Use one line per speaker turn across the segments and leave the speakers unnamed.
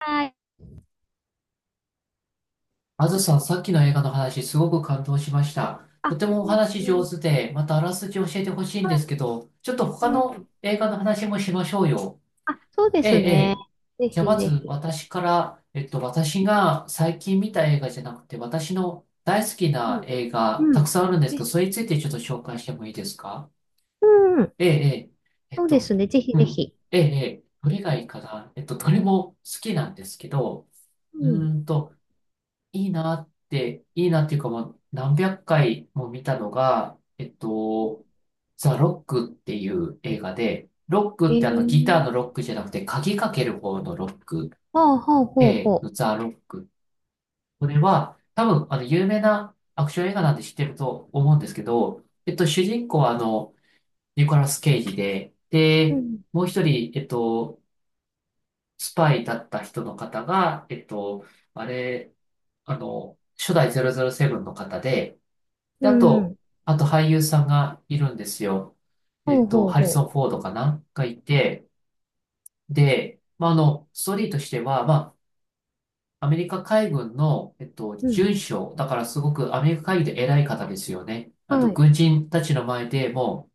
はい。
あずさん、さっきの映画の話、すごく感動しました。と
あ、
てもお話
うん
上手で、またあらすじ教えてほしいんですけど、ちょっと
う
他の
ん。
映画の話もしましょうよ。
あ、そうで
ええ、
す
え
ね。
え。
ぜ
じゃあ
ひ
ま
ぜ
ず
ひ。
私から、私が最近見た映画じゃなくて、私の大好き
う
な映画、
ん。う
たく
ん。
さんあるんですけど、
え、
それについてちょっと紹介してもいいですか？
うん。
ええ、ええ。
そうですね。ぜひ
う
ぜ
ん。
ひ。
ええ、ええ。どれがいいかな。どれも好きなんですけど、
う
う
ん。
ーんと、いいなって、いいなっていうかもう何百回も見たのが、ザ・ロックっていう映画で、ロッ
え
クってあのギター
ー。
のロックじゃなくて鍵かける方のロック、
ほうほうほう
A
ほ
のザ・ロック。これは多分あの有名なアクション映画なんで知ってると思うんですけど、主人公はあのニコラス・ケイジで、
う。う
で、
ん。
もう一人、スパイだった人の方が、えっと、あれ、あの、初代007の方で、で、
う
あと、
ん。
あと俳優さんがいるんですよ。
ほうほう
ハリ
ほ
ソン・フォードかながいて、で、まあ、ストーリーとしては、まあ、アメリカ海軍の、
う。うん。
准将、だからすごくアメリカ海軍で偉い方ですよね。あと、
はい。
軍人たちの前でも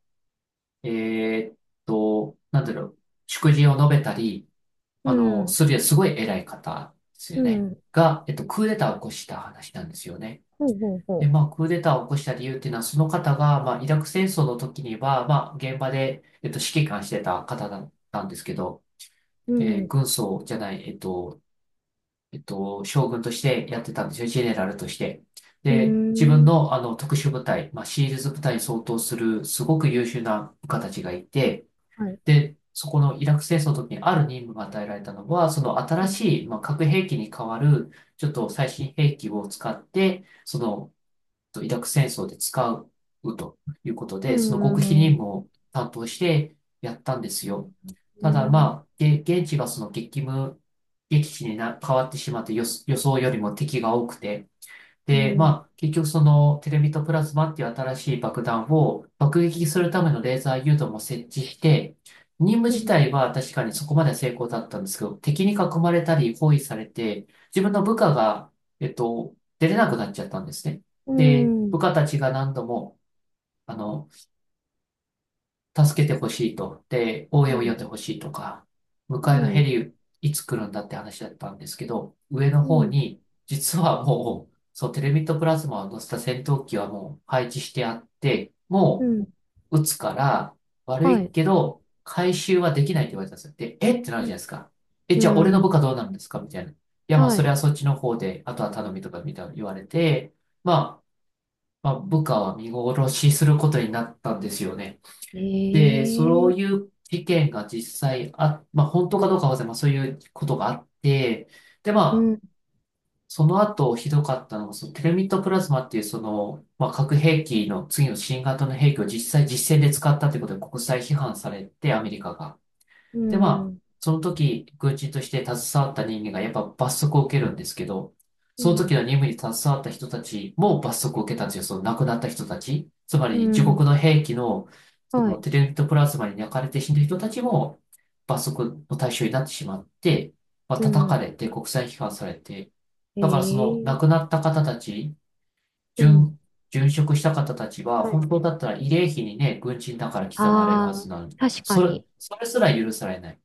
う、なんだろう、祝辞を述べたり、
うん。
するすごい偉い方ですよ
う
ね。
ん。
が、クーデターを起こした話なんですよね。
ほうほう
で、
ほ
まあ、クーデターを起こした理由っていうのは、その方が、まあ、イラク戦争の時には、まあ、現場で、指揮官してた方だったんですけど、
う。うん。
軍曹じゃない、将軍としてやってたんですよ、ジェネラルとして。
うー
で、自分
ん。
の、特殊部隊、まあ、シールズ部隊に相当する、すごく優秀な部下たちがいて、
はい。
で、そこのイラク戦争の時にある任務が与えられたのは、その
う
新
ん。
しい、まあ、核兵器に代わる、ちょっと最新兵器を使って、そのとイラク戦争で使うということ
う
で、その極秘
ん。う
任
ん
務を担当してやったんです
う
よ。
ん。う
ただ
ん。
まあ、現地がその激務、激地にな変わってしまって予想よりも敵が多くて、
う
で、ま
ん。
あ、結局そのテレビとプラズマっていう新しい爆弾を爆撃するためのレーザー誘導も設置して、任務
う
自
ん。
体は確かにそこまでは成功だったんですけど、敵に囲まれたり包囲されて、自分の部下が、出れなくなっちゃったんですね。
う
で、部
ん。
下たちが何度も、あの、助けてほしいと。で、応援
う
を呼ん
ん。
でほしいとか、向かいのヘリいつ来るんだって話だったんですけど、上の
う
方
ん。
に、実はもう、そう、テレミットプラズマを乗せた戦闘機はもう配置してあって、
う
も
ん。
う撃つから悪
は
い
い。
けど、回収はできないって言われたんですよ。で、えってなるじゃないですか。え、
う
じゃあ俺の部下
ん。
どうなるんですかみたいな。いや、まあ
は
それ
い。
はそっちの方で、あとは頼みとかみたいな言われて、まあ、部下は見殺しすることになったんですよね。で、そう
え
い
え、
う事件が実際あ、まあ本当かどうかは忘れまあそういうことがあって、で、
う
まあ、
ん、
その後ひどかったのが、そのテルミットプラズマっていうその、まあ核兵器の次の新型の兵器を実際実戦で使ったということで国際批判されて、アメリカが。
う
で、まあ、
ん、
その時、軍人として携わった人間がやっぱ罰則を受けるんですけど、
う
その時
ん、
の任務に携わった人たちも罰則を受けたんですよ。その亡くなった人たち。つま
う
り、自国
ん、
の兵器の、そ
は
の
い、
テレミトプラズマに焼かれて死んだ人たちも罰則の対象になってしまって、まあ、
う
叩か
ん、
れて国際批判されて、だからその亡
え
く
え、
なった方たち、
う
殉、
ん、
殉職した方たちは、
は
本
い。
当だったら慰霊碑にね、軍人だから刻まれるは
あ
ず
あ、
なのに、
確か
それ、
に。
それすら許されない。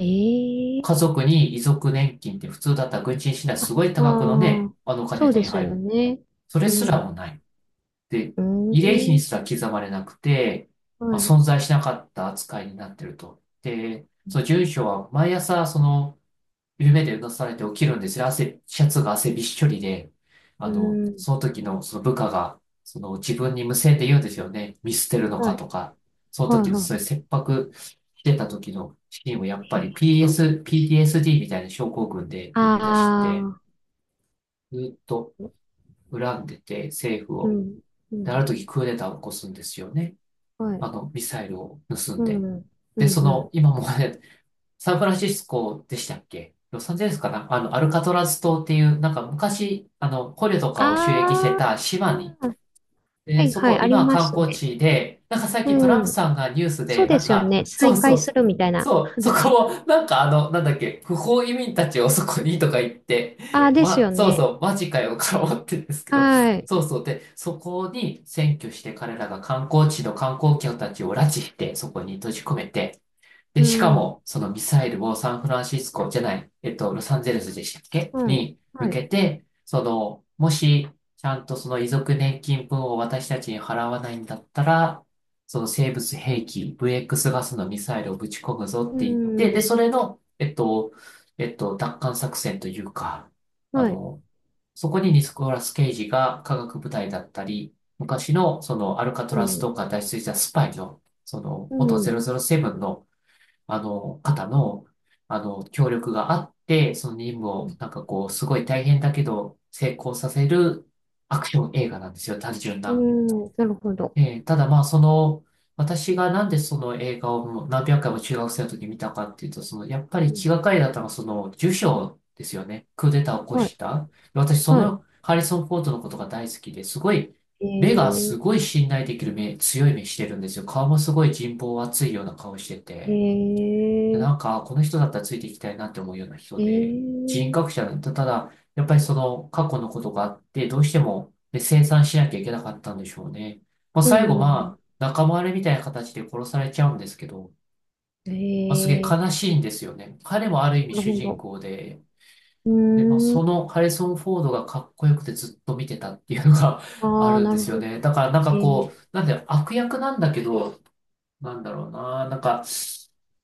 え
家
え、
族に遺族年金って普通だったら軍人死んだら
あ、
す
あ
ごい多額のね、
あ、
あのお
そ
金
う
手
で
に
す
入
よ
る。
ね。
それ
う
す
ん、
らも
う
ない。で、慰霊碑に
ん、
すら刻まれなくて、
は
まあ、
い、
存在しなかった扱いになってると。で、その住所は毎朝その夢でうなされて起きるんですよ。汗、シャツが汗びっしょりで、
うん、
その時のその部下が、その自分に無線で言うんですよね。見捨てるの
は
か
い、
とか。その
はい、
時の
は
そういう切迫してた時のシーンをやっぱり
い。
PTSD みたいな症候群で思い出して、
ああ
ずっと
ー、
恨んでて政府
う
を。
ん、う
で、ある
ん、
時クーデターを起こすんですよね。
はい、
ミサイルを盗ん
う
で。
ん、う
で、そ
ん、う
の、
ん。
今もねサンフランシスコでしたっけロサンゼルスかなアルカトラズ島っていう、なんか昔、捕虜とかを収益して
あ
た島に、
あ、は
で、
い、
そ
はい、
こ、
あり
今は
ま
観
す
光
ね。
地で、なんか最近トラン
う
プ
ん。
さんがニュース
そう
で、
で
なん
すよ
か、
ね。ね、
そう
再
そ
開す
う、
るみたいな
そう、そ
話。
こをなんかなんだっけ、不法移民たちをそこにとか言って、
ああ、ねです
ま、
よ
そう
ね。
そう、マジかよ、から思ってるんですけど、
はい。
そうそう、で、そこに占拠して彼らが観光地の観光客たちを拉致して、そこに閉じ込めて、
う
で、しか
ん。
も、そのミサイルをサンフランシスコじゃない、ロサンゼルスでしたっけ
はい。
に向
はい。
けて、その、もし、ちゃんとその遺族年金分を私たちに払わないんだったら、その生物兵器、VX ガスのミサイルをぶち込むぞっ
う
て言って、で、
ん。
それの、奪還作戦というか、あ
はい。
の、そこにニコラス・ケイジが科学部隊だったり、昔のそのアルカト
う
ラス
ん。
とか脱出したスパイの、その
う
元
ん。
007の方の、協力があって、その任務
う
を、
ん。
なんかこう、すごい大変だけど、成功させるアクション映画なんですよ、単純
う
な。
ん、なるほど。
ただまあ、その、私がなんでその映画をもう何百回も中学生の時に見たかっていうと、その、やっぱり
う
気
ん。
がかりだったのは、その、受賞ですよね。クーデターを起こ
はい。
した。私、そ
は
の、ハリソン・フォードのことが大好きで、すごい、
い。
目が
え
すごい信頼できる目、強い目してるんですよ。顔もすごい人望厚いような顔して
ー。
て。
え
なん
ー。
か、この人だったらついていきたいなって思うような人
え
で、人
ー。
格者だった。ただ、やっぱりその過去のことがあって、どうしても、ね、清算しなきゃいけなかったんでしょうね。まあ、
う
最後、
ん。う
まあ、仲間割れみたいな形で殺されちゃうんですけど、
ん。
まあ、すげえ
え
悲しいんですよね。彼もある意味
ー。なる
主
ほ
人
ど。
公で、
う
で、まあ、
ー
そ
ん。
のハリソン・フォードがかっこよくてずっと見てたっていうのが あ
ああ、
るん
な
で
る
す
ほ
よ
ど。
ね。だから、なん
え
か
ー。
こう、なんで悪役なんだけど、なんだろうな。なんか、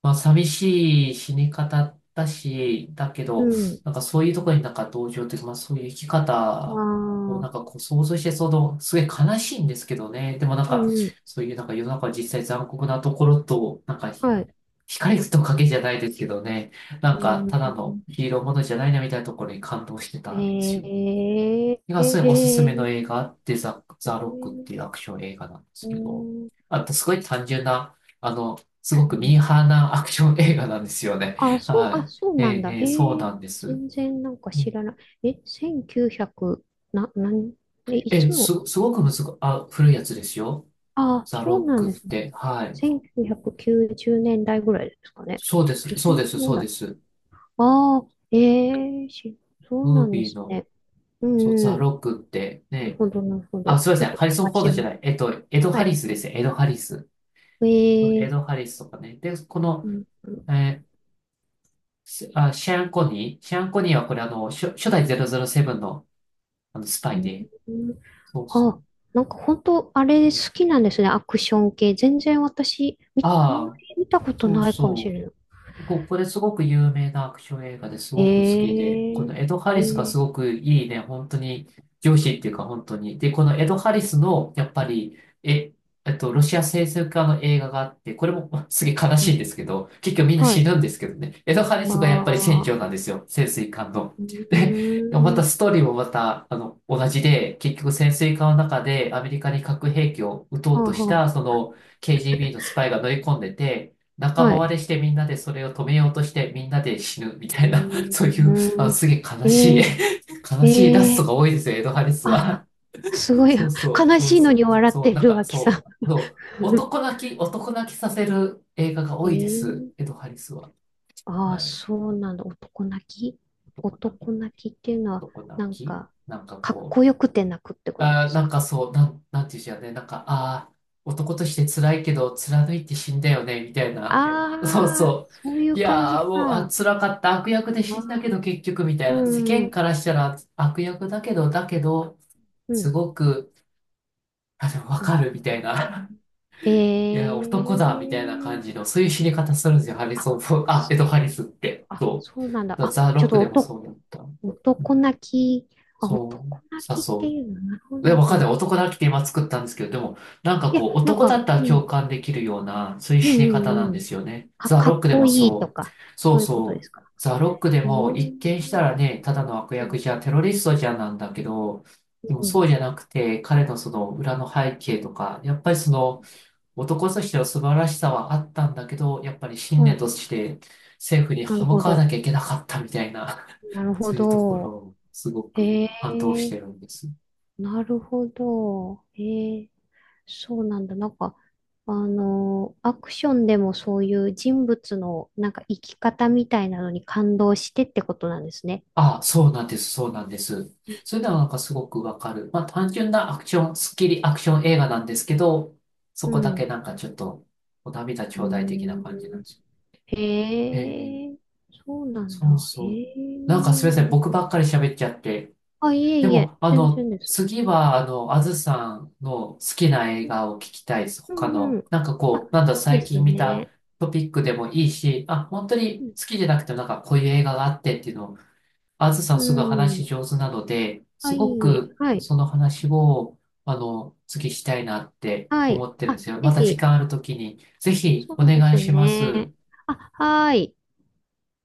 まあ、寂しい死に方だし、だけ
う
ど、
ん。
なんかそういうところになんか同情というか、まあそういう生き
あ
方をなん
あ。
かこう想像して、その、すごい悲しいんですけどね。でもなん
う
か、
ん。
そういうなんか世の中は実際残酷なところと、なんか
はい。
光と影じゃないですけどね。な
う
んか、ただの
ん。
ヒーローものじゃないなみたいなところに感動してた
え
んですよ。
ー、
がすごいおすす
へ
めの
ー、
映画あって
え
ザ・ロックっていう
ー、
アクション映画なんです
う
けど、
ん、
あとすごい単純な、すごくミーハーなアクション映画なんですよね。
あ、そう、
は
あ、
い。
そう
え
なん
え、
だ。
ええ
へ
そうな
え、
んです。
全然なんか
う
知
ん
らない。え、1900、な、なん、え、い
え
つ
え、
の、
すごく難く、あ、古いやつですよ。
あ、
ザ・
そう
ロッ
なん
ク
で
っ
すね。
て。はい。
1990年代ぐらいですかね。
そうです、そう
2000
です、
年ぐ
そう
ら
で
い。
す。
ああ、ええし、そう
ム
な
ー
んで
ビー
す
の、
ね。う
そう、ザ・
ん、う
ロックって、
ん。なる
ね。
ほど、なるほ
あ、
ど。
すいま
ち
せ
ょっ
ん。
と
ハリソン・
探
フ
し
ォード
て
じゃ
み、
ない。エド・
は
ハ
い。
リスですね。エド・ハリス。エ
え
ド・
え、
ハリスとかね。で、この、
うん、う
えーすあ、シェアン・コニーはこれあの、初代007の、あのスパイ
ん、
で。
うん、
そうそう。
あ、なんか本当あれ好きなんですね。アクション系。全然私、あん
あ
ま
あ、
り見たこと
そう
ないかもし
そ
れない。
う。僕、これすごく有名なアクション映画ですごく好き
え
で、このエド・ハ
ー、
リスが
え
す
ー、
ごくいいね、本当に上司っていうか本当に。で、このエド・ハリスの、やっぱり、え、ロシア潜水家の映画があって、これも すげえ
う
悲し
ん、
いんですけど、結局みんな
は
死
い。
ぬんですけどね、エド・ハリ
あ
スがやっぱり船長
あ、
なんですよ、潜水艦の。
う
で、ま
ー
た
ん、
ストーリーもまた、あの、同じで、結局潜水艦の中でアメリカに核兵器を撃と
は
う
あ
とし
は
た、その KGB のスパイが乗り込んでて、
あ、
仲間
はい。
割れしてみんなでそれを止めようとしてみんなで死ぬみたいな、そうい
う
う、あ、
ーん、
すげえ悲しい
え ー、
悲しいラスト
えー、
が多いですよ、エドハリス
あ、
は。
すご い、
そうそう、
悲
そう
しい
そ
のに
う。
笑っ
そう、
て
なん
る、
か、
脇さん。
そう、そう、男泣きさせる映画が
え
多いです、
ー、
エドハリスは。
ああ、
はい。
そうなんだ。男泣き
男泣き、
男泣きっていうのは、
男泣
なん
き。
か、
なんか
かっ
こ
こ
う、
よくて泣くってことで
あー、
す
なん
か。
かそう、なんていうんじゃね、なんか、ああ、男として辛いけど、貫いて死んだよね、みたい
あ
な。そう
あ、
そう。
そういう
い
感
や
じ
ー、もう、あ、
か。
辛かった。悪役で死んだけど、結局、みた
う
いな。世
ん、う
間
ん、
からしたら悪役だけど、だけど、
う
す
ん。
ごく、あ、でもわかる、みたいな。
へ
いや、男だ、みたいな感
え。
じの、そういう死に方するんですよ、ハリ
あ、
ソンフォーあ、
そ
エド・ハリスって。
あ、
そう。
そうなんだ。
だから
あ、
ザ・
ち
ロ
ょ
ッ
っ
ク
と
でも
男、
そうだった。うん
男泣き。あ、
そ
男
う、
泣きって
そ
いうの。なるほど、
う。え、
なる
わ
ほ
かんない。
ど。
男だけで今作ったんですけど、でも、なんか
いや、
こう、
なん
男だ
か、
ったら
う
共
ん、
感できるような、そういう
う
死に
ん、
方なん
うん、う
で
ん。
すよね。ザ・
か
ロッ
っ
クで
こ
も
いいと
そう。
か、
そ
そ
う
ういうこと
そ
で
う。
すか。
ザ・ロックで
へえ。
も、一見したらね、ただの悪
う
役
ん、
じゃん、テロリストじゃんなんだけど、でも
うん、
そうじゃなくて、彼のその裏の背景とか、やっぱりその、男としての素晴らしさはあったんだけど、やっぱり
は
信念
い、
として政府に
なる
歯向
ほ
かわな
ど。
きゃいけなかったみたいな、
なる ほ
そういうところ
ど。
をすごく
へ
感動し
え、
てるんです。
なるほど。へえ、そうなんだ。なんか、あの、アクションでもそういう人物のなんか生き方みたいなのに感動してってことなんですね。
あ、そうなんです、そうなんです。そういうのはなんかすごくわかる。まあ単純なアクション、スッキリアクション映画なんですけど、そ
う
こだけ
ん。
なんかちょっと、お涙
うー
頂戴的な感じなん
ん。
ですよ。ええ、え
へ
え
え、そうなん
そう
だ。へ
そう。
え、
なんかすみませ
な
ん、
る
僕
ほど。
ばっかり喋っちゃって。
あ、いえ
で
いえ、
も、あ
全
の、
然です。
次は、あの、あずさんの好きな映画を聞きたいです。
う
他
んう
の、
ん。
なんか
あ、
こう、なんだ
そうで
最
す
近見た
ね。
トピックでもいいし、あ、本当に
うん。
好きじゃなくてもなんかこういう映画があってっていうのをあずさ
う
んすぐ話
ん、
上手なので、
は
すご
い、
く
はい、
その話を、あの、次したいなって
はい。
思ってるん
あ、
ですよ。
ぜ
また時
ひ。
間あるときに、ぜひ
そ
お
うで
願い
す
しま
ね。
す。
あ、はい。